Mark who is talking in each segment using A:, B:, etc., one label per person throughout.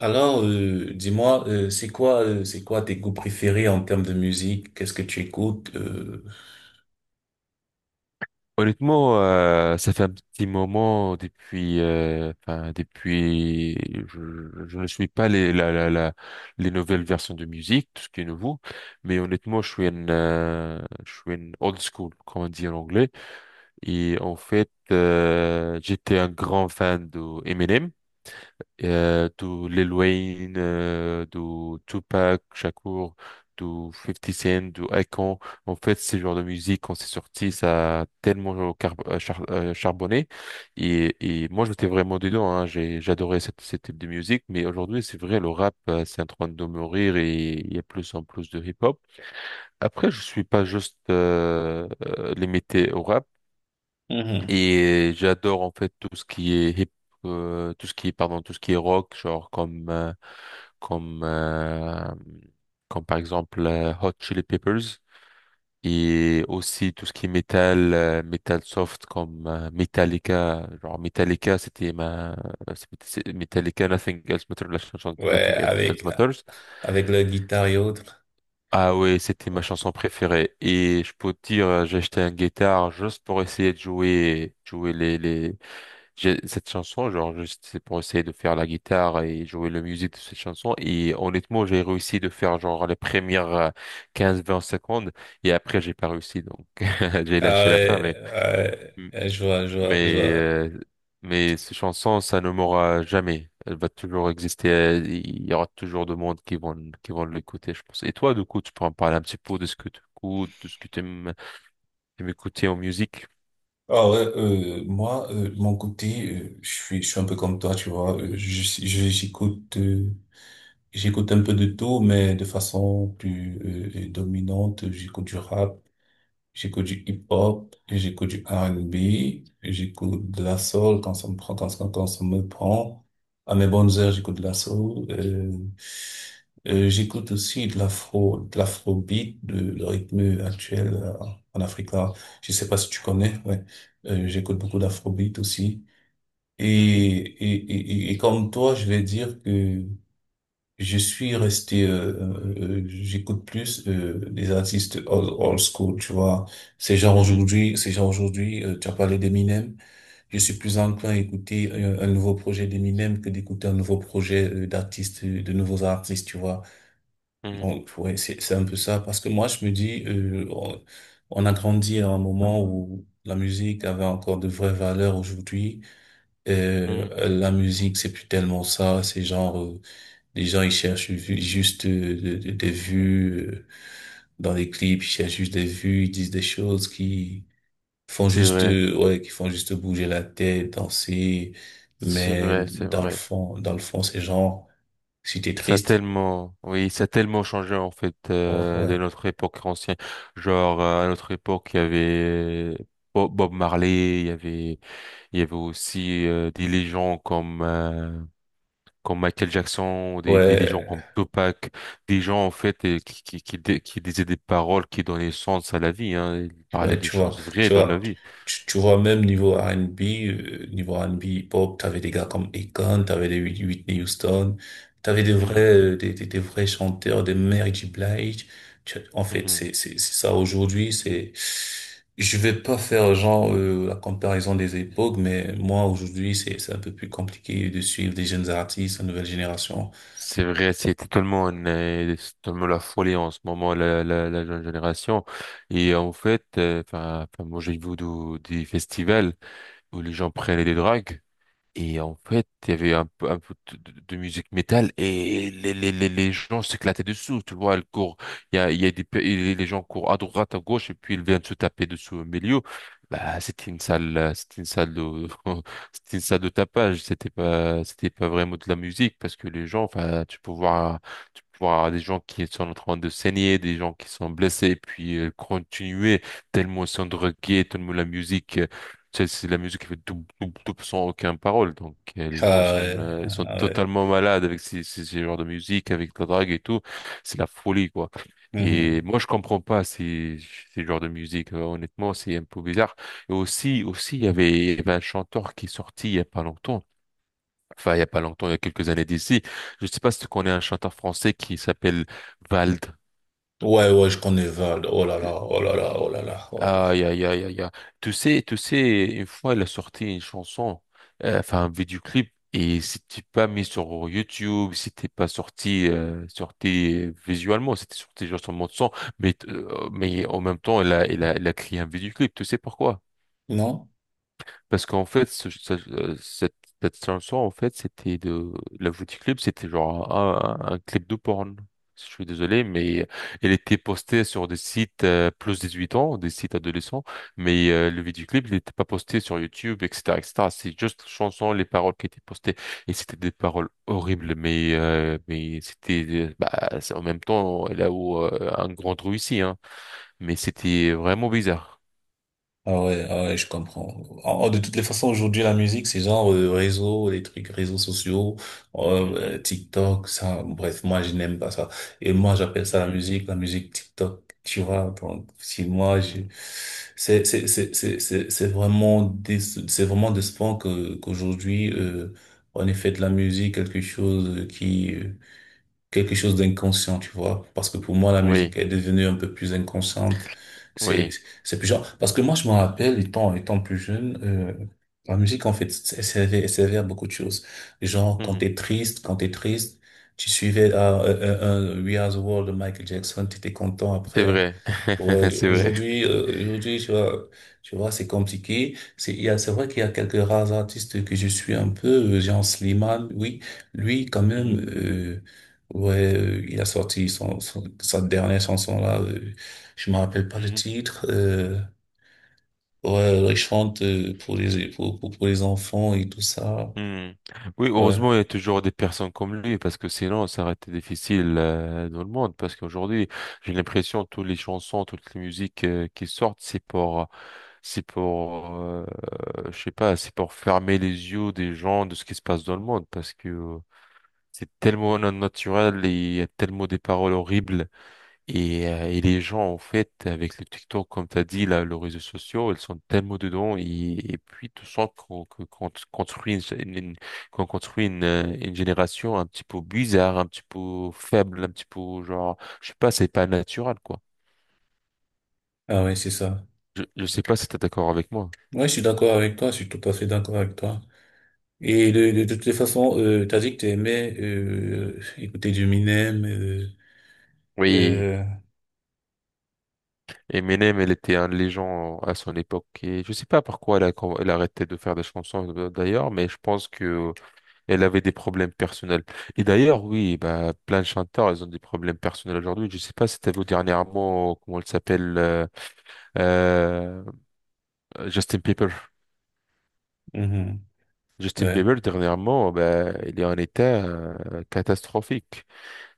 A: Alors, dis-moi, c'est quoi tes goûts préférés en termes de musique? Qu'est-ce que tu écoutes?
B: Honnêtement, ça fait un petit moment depuis, je ne suis pas les la, la, la- les nouvelles versions de musique, tout ce qui est nouveau, mais honnêtement, je suis un old school, comme on dit en anglais, et en fait, j'étais un grand fan de Eminem do Lil Wayne, do Tupac Shakur, do 50 Cent, do Akon. En fait, ce genre de musique, quand c'est sorti, ça a tellement charbonné. Et, et moi, j'étais vraiment dedans. Hein. J'adorais ce type de musique. Mais aujourd'hui, c'est vrai, le rap, c'est en train de mourir et il y a plus en plus de hip-hop. Après, je suis pas juste limité au rap.
A: Mhm.
B: Et j'adore en fait tout ce qui est, pardon, tout ce qui est rock, genre comme, euh, comme par exemple Hot Chili Peppers et aussi tout ce qui est métal, métal soft comme Metallica. Genre Metallica, c'était ma, c'est- c'est- Metallica, Nothing Else Matters, la chanson
A: Ouais,
B: Nothing Else
A: avec
B: Matters.
A: la guitare et autres.
B: Ah ouais, c'était ma chanson préférée. Et je peux te dire, j'ai acheté une guitare juste pour essayer de jouer les, j'ai cette chanson, genre, juste c'est pour essayer de faire la guitare et jouer la musique de cette chanson. Et honnêtement, j'ai réussi de faire genre les premières 15-20 secondes. Et après, j'ai pas réussi. Donc, j'ai
A: Ah
B: lâché la fin.
A: ouais, ouais,
B: M-
A: ouais, je vois, je vois, je
B: mais,
A: vois.
B: euh, mais cette chanson, ça ne mourra jamais. Elle va toujours exister. Il y aura toujours de monde qui vont l'écouter, je pense. Et toi, du coup, tu peux en parler un petit peu de ce que tu écoutes, de ce que aimes écouter en musique.
A: Ah ouais, moi, de mon côté, je suis un peu comme toi, tu vois. J'écoute, j'écoute un peu de tout, mais de façon plus dominante, j'écoute du rap. J'écoute du hip-hop, j'écoute du R&B, j'écoute de la soul quand ça me prend, quand ça me prend. À mes bonnes heures, j'écoute de la soul. J'écoute aussi de l'afro, de l'afrobeat, de le rythme actuel en Afrique là. Je sais pas si tu connais, ouais. J'écoute beaucoup d'afrobeat aussi. Et,
B: Mhm,
A: et, et, et comme toi, je vais dire que je suis resté, j'écoute plus des artistes old, old school, tu vois.
B: mhm,
A: Ces gens aujourd'hui, tu as parlé d'Eminem. Je suis plus enclin à écouter un, nouveau projet d'Eminem que d'écouter un nouveau projet de nouveaux artistes, tu vois.
B: mhm,
A: Donc ouais, c'est un peu ça. Parce que moi, je me dis, on a grandi à un moment où la musique avait encore de vraies valeurs aujourd'hui.
B: mhm.
A: La musique, c'est plus tellement ça. C'est genre les gens, ils cherchent juste des vues dans les clips, ils cherchent juste des vues, ils disent des choses qui font
B: C'est
A: juste,
B: vrai.
A: ouais, qui font juste bouger la tête, danser.
B: C'est
A: Mais
B: vrai, c'est vrai.
A: dans le fond, c'est genre, si t'es
B: Ça a
A: triste,
B: tellement, oui, ça a tellement changé en fait
A: ouais, ouais,
B: de notre époque ancienne. Genre à notre époque, il y avait Bob Marley, il y avait aussi des légendes comme Michael Jackson, des légendes comme
A: ouais.
B: Tupac, des gens en fait qui disaient des paroles qui donnaient sens à la vie. Hein. Ils parlaient
A: Ouais,
B: des
A: tu vois,
B: choses vraies
A: tu
B: dans la
A: vois,
B: vie.
A: tu vois, même niveau R&B, niveau R&B hip-hop, t'avais des gars comme Akon, t'avais des Whitney Houston, t'avais des vrais,
B: Mhm.
A: des vrais chanteurs, des Mary J. Blige. En fait,
B: Mhm.
A: c'est ça aujourd'hui, c'est, je vais pas faire genre, la comparaison des époques, mais moi, aujourd'hui, c'est un peu plus compliqué de suivre des jeunes artistes, une nouvelle génération.
B: C'est vrai, c'est totalement la folie en ce moment, la jeune génération. Et en fait, moi, j'ai vu des festivals où les gens prennent des drogues. Et en fait, il y avait un peu de musique métal et les gens s'éclataient dessous, tu vois, ils courent, il y a et les gens courent à droite, à gauche et puis ils viennent se taper dessus au milieu. Bah, c'était une salle de, c'était une salle de tapage, c'était pas vraiment de la musique parce que les gens, enfin, tu peux voir des gens qui sont en train de saigner, des gens qui sont blessés, puis continuer tellement ils sont drogués, tellement la musique. C'est de la musique qui fait double sans aucune parole. Donc,
A: Ah, ouais,
B: ils sont
A: ah ouais.
B: totalement malades avec ces genres de musique, avec la drague et tout. C'est la folie, quoi. Et
A: Mhm.
B: moi, je comprends pas ces genres de musique. Honnêtement, c'est un peu bizarre. Et aussi, il y avait un chanteur qui est sorti il y a pas longtemps. Enfin, il y a pas longtemps, il y a quelques années d'ici. Je sais pas si tu connais un chanteur français qui s'appelle Vald.
A: Ouais, ouais, je connais Val. Oh là là, oh là là, oh là là, oh là là.
B: Aïe, aïe, aïe, aïe, aïe. Tu sais, une fois, il a sorti une chanson, un vidéoclip, et c'était pas mis sur YouTube, c'était pas sorti, sorti visuellement, c'était sorti juste en mode son, mais en même temps, il a créé un vidéoclip, tu sais pourquoi?
A: Non?
B: Parce qu'en fait, cette chanson, en fait, c'était de... La du clip, c'était genre un clip de porn. Si Je suis désolé, mais elle était postée sur des sites plus 18 ans, des sites adolescents, mais le vidéoclip, il n'était pas posté sur YouTube, etc., etc. C'est juste la chanson, les paroles qui étaient postées, et c'était des paroles horribles, mais c'était euh, bah, c'est en même temps là où un grand trou ici, hein. Mais c'était vraiment bizarre.
A: Ah ouais, ah ouais, je comprends. De toutes les façons, aujourd'hui, la musique, c'est genre réseau, les trucs, réseaux sociaux,
B: Mhm,
A: TikTok, ça. Bref, moi, je n'aime pas ça. Et moi, j'appelle ça
B: mhm,
A: la musique TikTok. Tu vois, donc, si moi, je...
B: mhm.
A: c'est vraiment des, c'est vraiment décevant que, qu'aujourd'hui, on ait fait de la musique quelque chose qui, quelque chose d'inconscient, tu vois. Parce que pour moi, la musique
B: Oui.
A: est devenue un peu plus inconsciente. C'est,
B: Oui,
A: c'est plus genre, parce que moi, je me rappelle, étant plus jeune, la musique, en fait, elle servait à beaucoup de choses. Genre,
B: mhm,
A: quand t'es triste, tu suivais, We Are the World de Michael Jackson, t'étais content
B: c'est
A: après. Hein.
B: vrai,
A: Ouais,
B: c'est vrai.
A: aujourd'hui, tu vois, c'est compliqué. C'est, il y a, c'est vrai qu'il y a quelques rares artistes que je suis un peu, Jean Slimane, oui, lui, quand même,
B: Mhm.
A: ouais, il a sorti sa dernière chanson là, je me rappelle pas le
B: Mhm.
A: titre, ouais, il chante pour pour les enfants et tout ça,
B: Mhm. Oui,
A: ouais,
B: heureusement, il y a toujours des personnes comme lui, parce que sinon, ça aurait été difficile dans le monde. Parce qu'aujourd'hui, j'ai l'impression que toutes les chansons, toutes les musiques qui sortent, c'est pour, euh, je sais pas, c'est pour fermer les yeux des gens de ce qui se passe dans le monde, parce que c'est tellement non naturel et il y a tellement des paroles horribles. Et les gens, en fait, avec le TikTok, comme tu as dit, là, les réseaux sociaux, ils sont tellement dedans. Et puis, tu sens qu'on construit une génération un petit peu bizarre, un petit peu faible, un petit peu genre, je sais pas, c'est pas naturel, quoi.
A: ah ouais, c'est ça.
B: Je sais pas si tu es d'accord avec moi.
A: Ouais, je suis d'accord avec toi, je suis tout à fait d'accord avec toi. Et
B: Mm.
A: de toutes les façons, t'as dit que t'aimais écouter du Minem.
B: Oui,
A: Euh,
B: Eminem, elle était un légende à son époque. Et je sais pas pourquoi elle a arrêté de faire des chansons, d'ailleurs, mais je pense que elle avait des problèmes personnels. Et d'ailleurs, oui, bah, plein de chanteurs, ils ont des problèmes personnels aujourd'hui. Je sais pas si t'as vu dernièrement, comment elle s'appelle, euh, Justin Bieber.
A: mhm.
B: Justin
A: Ouais,
B: Bieber, dernièrement, bah, il est en état catastrophique.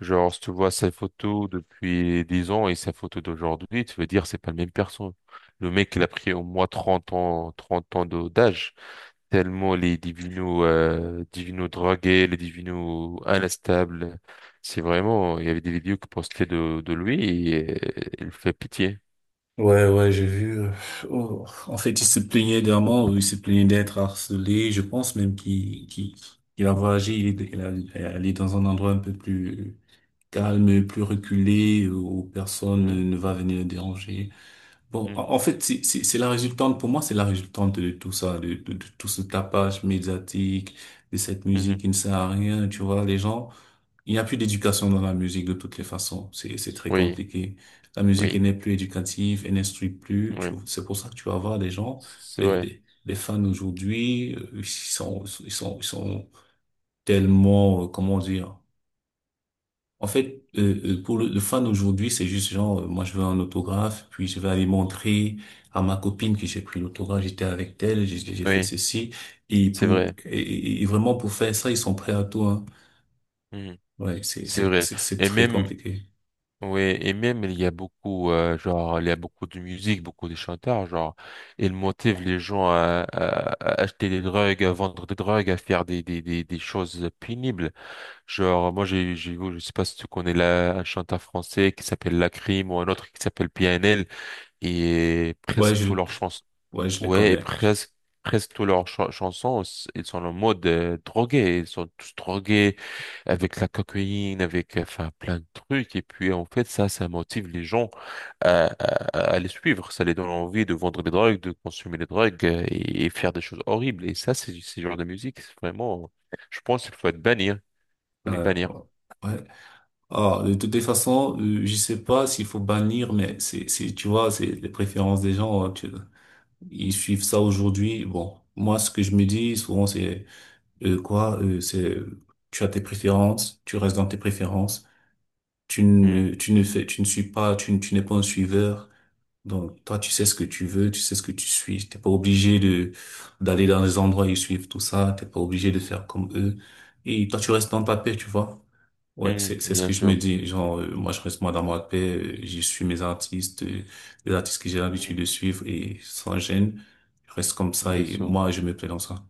B: Genre, si tu vois sa photo depuis 10 ans et sa photo d'aujourd'hui, tu veux dire, c'est pas la même personne. Le mec, il a pris au moins 30 ans, trente ans d'âge. Tellement les divinos, divinos drogués, les divinos instables. C'est vraiment, il y avait des vidéos qui postaient de lui et il fait pitié.
A: ouais, ouais, j'ai vu. Oh, En fait, il se plaignait d'un mort, il se plaignait d'être harcelé. Je pense même qu'il a voyagé, il est allé dans un endroit un peu plus calme, plus reculé, où personne
B: Mhm,
A: ne va venir le déranger. Bon,
B: mhm,
A: c'est c'est la résultante, pour moi, c'est la résultante de tout ça, de tout ce tapage médiatique, de cette musique
B: mhm.
A: qui ne sert à rien, tu vois, les gens, il n'y a plus d'éducation dans la musique de toutes les façons, c'est très
B: Oui,
A: compliqué. La musique, elle
B: oui,
A: n'est plus éducative, elle n'instruit plus, tu
B: oui,
A: vois, c'est pour ça que tu vas voir des gens,
B: c'est vrai,
A: des fans aujourd'hui, ils sont tellement, comment dire, pour le fan aujourd'hui, c'est juste genre, moi je veux un autographe, puis je vais aller montrer à ma copine que j'ai pris l'autographe, j'étais avec elle, j'ai fait
B: oui,
A: ceci.
B: c'est vrai,
A: Et vraiment pour faire ça, ils sont prêts à tout, hein.
B: mhm,
A: Ouais, c'est
B: c'est
A: c'est
B: vrai.
A: c'est c'est
B: Et
A: très
B: même,
A: compliqué.
B: ouais, et même il y a beaucoup, il y a beaucoup de musique, beaucoup de chanteurs, genre, ils motivent les gens à acheter des drogues, à vendre des drogues, à faire des choses pénibles. Genre, je sais pas si tu connais un chanteur français qui s'appelle Lacrim ou un autre qui s'appelle PNL et
A: Ouais,
B: presque
A: je
B: tous leurs chansons.
A: ouais, je les
B: Ouais,
A: connais.
B: presque tous leurs chansons, ils sont en mode drogué. Ils sont tous drogués avec la cocaïne, avec, plein de trucs. Et puis, en fait, ça motive les gens à les suivre. Ça les donne envie de vendre des drogues, de consommer des drogues et faire des choses horribles. Et ça, c'est genre de musique, c'est vraiment, je pense qu'il faut être bannir. Faut les
A: Euh,
B: bannir.
A: ouais. Alors, de toutes les façons, je sais pas s'il faut bannir, mais c'est tu vois, c'est les préférences des gens. Hein, tu- ils suivent ça aujourd'hui. Bon, moi ce que je me dis souvent c'est Euh, quoi, euh, c'est, tu as tes préférences, tu restes dans tes préférences,
B: Hmm.
A: tu ne suis pas, tu n'es pas un suiveur. Donc, toi, tu sais ce que tu veux, tu sais ce que tu suis. T'es pas obligé de, d'aller dans les endroits et suivre tout ça. T'es pas obligé de faire comme eux. Et toi, tu restes dans ta paix, tu vois. Ouais,
B: Mhm,
A: c'est ce
B: bien
A: que je me
B: sûr.
A: dis. Genre, moi, je reste moi dans ma paix. J'y suis mes artistes, les artistes que j'ai l'habitude
B: Mhm,
A: de suivre et sans gêne. Je reste comme ça
B: bien
A: et
B: sûr.
A: moi, je me plais dans ça.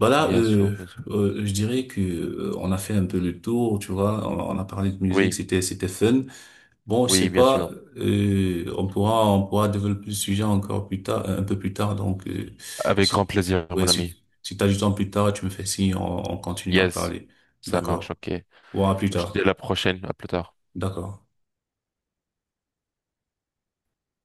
A: Voilà,
B: Bien sûr, bien sûr.
A: je dirais que on a fait un peu le tour, tu vois. On a parlé de musique,
B: Oui,
A: c'était fun. Bon, je
B: oui,
A: sais
B: bien
A: pas,
B: sûr.
A: on pourra développer le sujet encore plus tard, un peu plus tard. Donc,
B: Avec grand
A: si
B: plaisir,
A: ouais,
B: mon ami.
A: si t'as du temps plus tard, tu me fais signe, on continue à
B: Yes,
A: parler.
B: ça marche,
A: D'accord.
B: ok.
A: Bon, à plus
B: Je te dis à
A: tard.
B: la prochaine, à plus tard.
A: D'accord.